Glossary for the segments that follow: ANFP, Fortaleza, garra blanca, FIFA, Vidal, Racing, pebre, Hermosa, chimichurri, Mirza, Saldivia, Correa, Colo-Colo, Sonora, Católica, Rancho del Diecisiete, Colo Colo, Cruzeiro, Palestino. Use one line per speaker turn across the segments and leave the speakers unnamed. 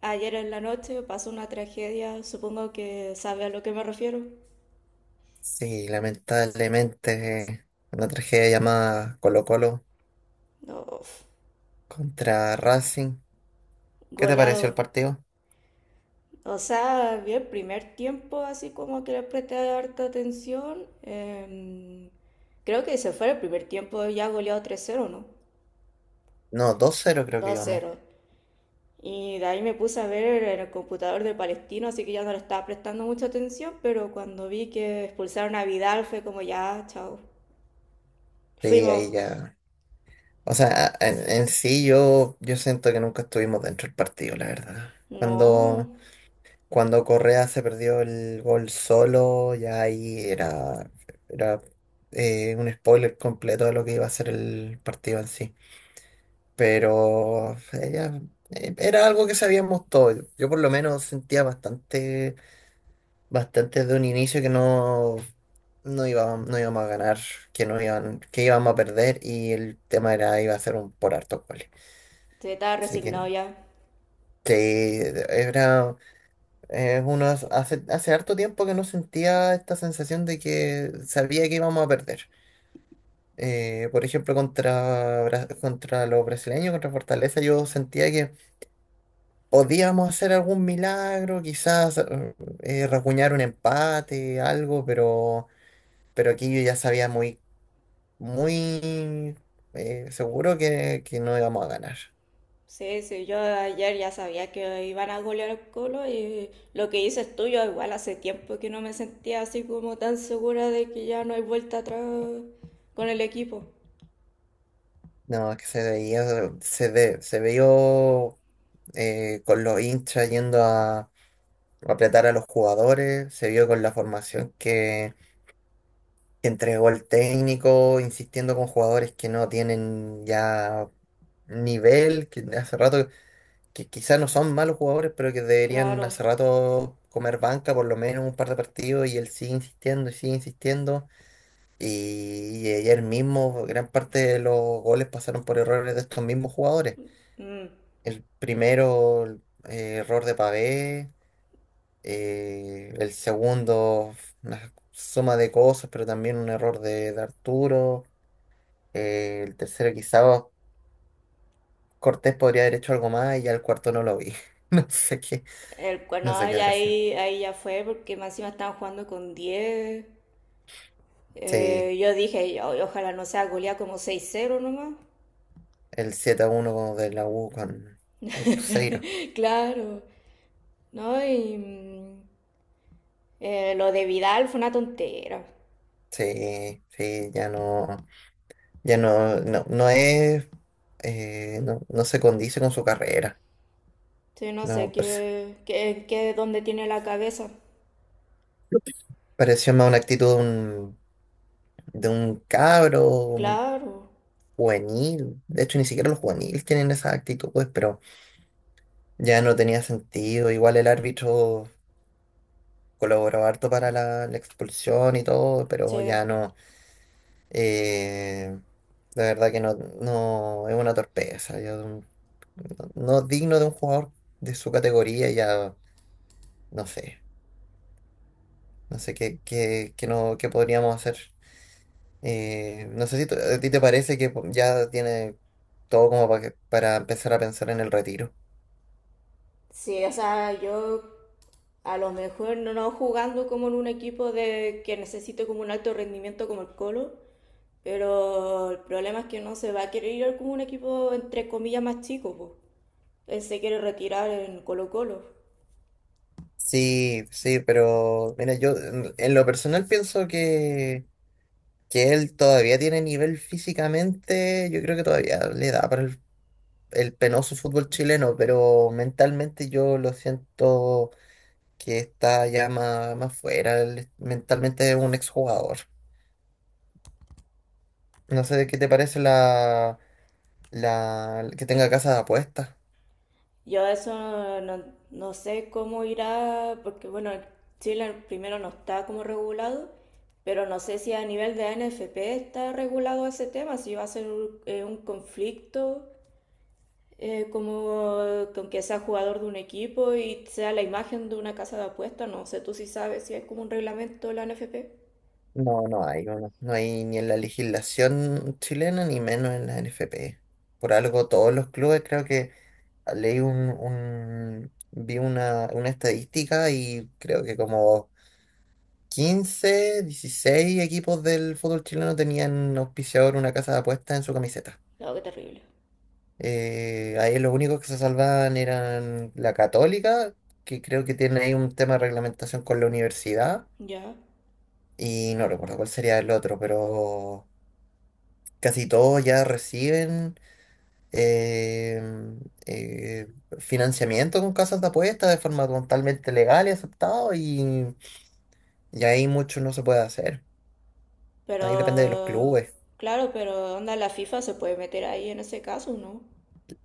Ayer en la noche pasó una tragedia, supongo que sabe a lo que me refiero.
Sí, lamentablemente una tragedia llamada Colo-Colo
Uf,
contra Racing. ¿Qué te
goleado.
pareció el partido?
O sea, vi el primer tiempo así como que le presté harta atención. Creo que se fue el primer tiempo ya goleado tres cero, ¿no?
No, 2-0 creo que
Dos
íbamos.
cero. Y de ahí me puse a ver en el computador de Palestino, así que ya no le estaba prestando mucha atención, pero cuando vi que expulsaron a Vidal fue como ya, chao.
Sí,
Fuimos.
ahí ya. O sea, en sí yo siento que nunca estuvimos dentro del partido, la verdad.
No,
Cuando Correa se perdió el gol solo, ya ahí era un spoiler completo de lo que iba a ser el partido en sí. Pero ella, era algo que sabíamos todos. Yo por lo menos sentía bastante de un inicio que no iba, no íbamos a ganar, que no iban, que íbamos a perder y el tema era iba a ser un por hartos goles.
se estaba
Así
resignado ya.
que era uno hace harto tiempo que no sentía esta sensación de que sabía que íbamos a perder. Por ejemplo, contra los brasileños, contra Fortaleza, yo sentía que podíamos hacer algún milagro, quizás rasguñar un empate, algo, pero aquí yo ya sabía muy seguro que no íbamos a ganar.
Sí, sí, yo ayer ya sabía que iban a golear el Colo, y lo que dices tú, yo igual hace tiempo que no me sentía así como tan segura de que ya no hay vuelta atrás con el equipo.
No, es que se veía, se ve, se vio con los hinchas yendo a apretar a los jugadores, se vio con la formación que entregó el técnico, insistiendo con jugadores que no tienen ya nivel, que hace rato. Que quizás no son malos jugadores, pero que deberían
Claro.
hace rato comer banca por lo menos un par de partidos y él sigue insistiendo y sigue insistiendo. Y ayer mismo gran parte de los goles pasaron por errores de estos mismos jugadores.
Mm.
El primero, error de Pavé, el segundo, una suma de cosas, pero también un error de Arturo. El tercero quizás Cortés podría haber hecho algo más y ya el cuarto no lo vi. No sé qué,
El,
no sé
no,
qué
y
habrá sido.
ahí, ahí ya fue porque más encima estaban jugando con 10.
Sí.
Yo dije: "O- ojalá no sea goleada como 6-0 nomás".
El 7-1 de la U con Cruzeiro.
Claro. No, y lo de Vidal fue una tontera.
Sí, sí, ya no, no, no se condice con su carrera.
Sí, no sé
No, parece-
qué, dónde tiene la cabeza.
Pareció más una actitud de un cabro, un
Claro,
juvenil. De hecho, ni siquiera los juveniles tienen esa actitud, pues, pero ya no tenía sentido. Igual el árbitro colaboró harto para la expulsión y todo, pero
sí.
ya no. Eh, la verdad que no, no es una torpeza, ya de un- no es digno de un jugador de su categoría, ya no sé, no sé qué podríamos hacer. No sé si t- a ti te parece que ya tiene todo como para empezar a pensar en el retiro.
Sí, o sea, yo a lo mejor no, no jugando como en un equipo de que necesite como un alto rendimiento como el Colo, pero el problema es que no se va a querer ir como un equipo entre comillas más chico, pues. Él se quiere retirar en Colo Colo.
Sí, sí, pero mira, yo en lo personal pienso que él todavía tiene nivel físicamente, yo creo que todavía le da el penoso fútbol chileno, pero mentalmente yo lo siento que está ya más fuera, él mentalmente es un exjugador. No sé de qué te parece la que tenga casa de apuestas.
Yo eso no, no sé cómo irá, porque bueno, Chile primero no está como regulado, pero no sé si a nivel de ANFP está regulado ese tema, si va a ser un conflicto como con que sea jugador de un equipo y sea la imagen de una casa de apuestas, no sé tú si sabes si es como un reglamento de la ANFP.
No, no hay ni en la legislación chilena ni menos en la NFP. Por algo todos los clubes creo que leí vi una estadística y creo que como 15, 16 equipos del fútbol chileno tenían auspiciador una casa de apuestas en su camiseta.
No, qué terrible.
Ahí los únicos que se salvaban eran la Católica, que creo que tiene ahí un tema de reglamentación con la universidad,
Ya.
y no recuerdo cuál sería el otro, pero casi todos ya reciben eh, eh, financiamiento con casas de apuestas de forma totalmente legal y aceptado, y ahí mucho no se puede hacer. Ahí depende de los
Pero,
clubes.
claro, pero onda, la FIFA se puede meter ahí en ese caso, ¿no?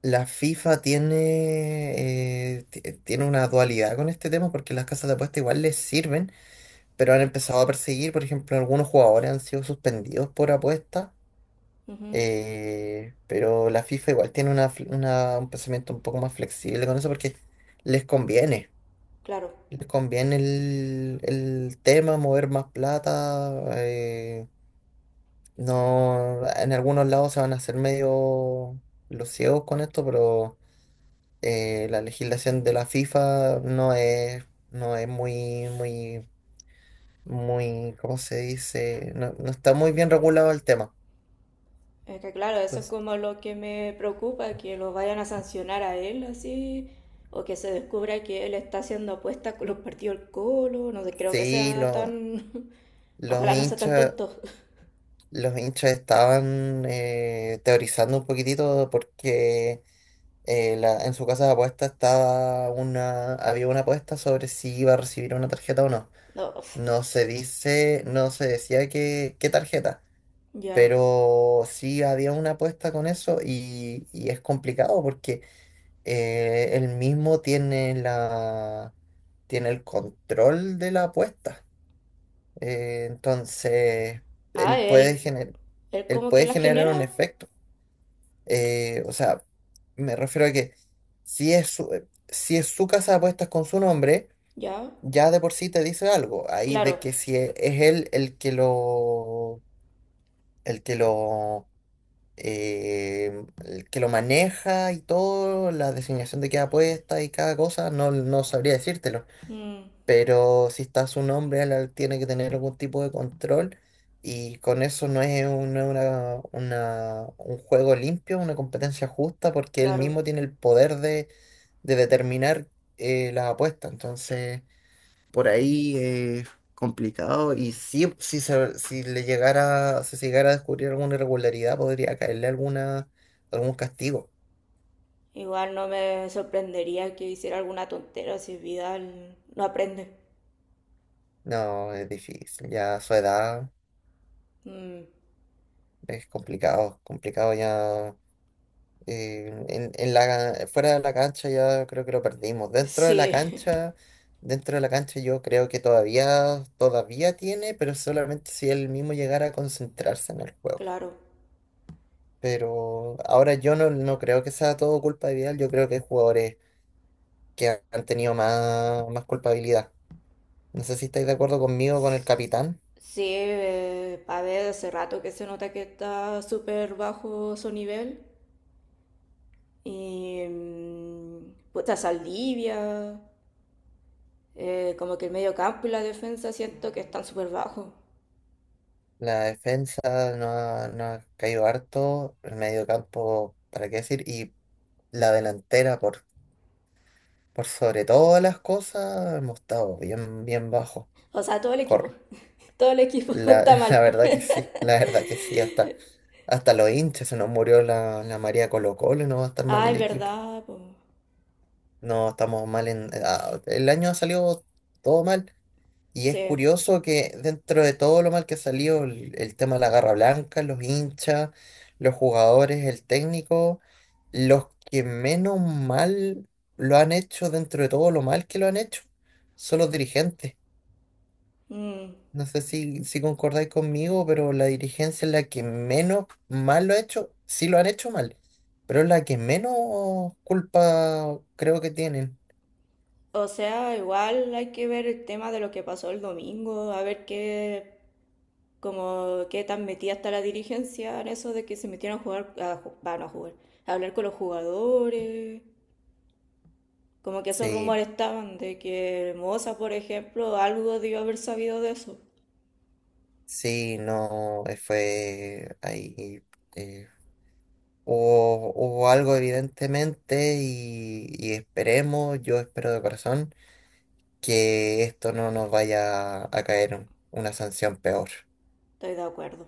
La FIFA tiene, tiene una dualidad con este tema porque las casas de apuesta igual les sirven, pero han empezado a perseguir, por ejemplo, algunos jugadores han sido suspendidos por apuesta,
Ujú.
pero la FIFA igual tiene un pensamiento un poco más flexible con eso porque les conviene,
Claro.
les conviene el tema, mover más plata, eh, no, en algunos lados se van a hacer medio los ciegos con esto, pero... la legislación de la FIFA no es muy, ¿cómo se dice? No, no está muy bien regulado el tema.
Es que claro, eso es
Entonces,
como lo que me preocupa, que lo vayan a sancionar a él así, o que se descubra que él está haciendo apuestas con los partidos del Colo, no sé, creo que
sí,
sea tan...
los
Ojalá no sea tan
hinchas,
tonto.
los hinchas estaban teorizando un poquitito porque en su casa de apuestas había una apuesta sobre si iba a recibir una tarjeta o no.
No, uf,
No se decía qué qué tarjeta.
ya.
Pero sí había una apuesta con eso y es complicado porque él mismo tiene tiene el control de la apuesta. Eh, entonces,
Ah,
él puede
él...
gener-
Él
Él
como que
puede
la
generar un
genera,
efecto. O sea, me refiero a que si es si es su casa de apuestas con su nombre,
ya.
ya de por sí te dice algo. Ahí
Claro.
de que si es él el que lo el que lo maneja y todo, la designación de cada puesta y cada cosa, no sabría decírtelo.
Mm,
Pero si está su nombre, él tiene que tener algún tipo de control. Y con eso no es un juego limpio, una competencia justa, porque él
claro.
mismo tiene el poder de determinar las apuestas. Entonces por ahí es complicado. Y sí, si le llegara, si se llegara a descubrir alguna irregularidad, podría caerle algún castigo.
Igual no me sorprendería que hiciera alguna tontera si Vidal no aprende.
No, es difícil. Ya a su edad
Mm,
es complicado, complicado ya. En la, fuera de la cancha ya creo que lo perdimos.
sí,
Dentro de la cancha yo creo que todavía tiene, pero solamente si él mismo llegara a concentrarse en el juego.
claro.
Pero ahora yo no, no creo que sea todo culpa de Vidal, yo creo que hay jugadores que han tenido más culpabilidad. No sé si estáis de acuerdo conmigo con el capitán.
Sí, a ver, hace rato que se nota que está súper bajo su nivel. Y puta Saldivia, como que el medio campo y la defensa siento que están súper bajos.
La defensa no ha caído harto, el medio campo, ¿para qué decir? Y la delantera, por sobre todas las cosas, hemos estado bien, bien bajo.
O sea, todo el equipo.
Cor-
Todo el equipo está
La
mal.
verdad que sí, la verdad que sí, hasta los hinchas se nos murió la María Colo Colo no va a estar mal
Ay,
el equipo.
verdad, po.
No, estamos mal en... el año ha salido todo mal. Y es
Sí.
curioso que dentro de todo lo mal que ha salido, el tema de la garra blanca, los hinchas, los jugadores, el técnico, los que menos mal lo han hecho dentro de todo lo mal que lo han hecho, son los dirigentes.
Mm.
No sé si concordáis conmigo, pero la dirigencia es la que menos mal lo ha hecho. Sí lo han hecho mal, pero es la que menos culpa creo que tienen.
O sea, igual hay que ver el tema de lo que pasó el domingo, a ver qué, como qué tan metida está la dirigencia en eso de que se metieron a jugar, no a jugar, a hablar con los jugadores, como que esos
Sí.
rumores estaban de que Hermosa, por ejemplo, algo debió haber sabido de eso.
Sí, no, fue ahí. eh, Hubo algo evidentemente y esperemos, yo espero de corazón, que esto no nos vaya a caer una sanción peor.
Estoy de acuerdo.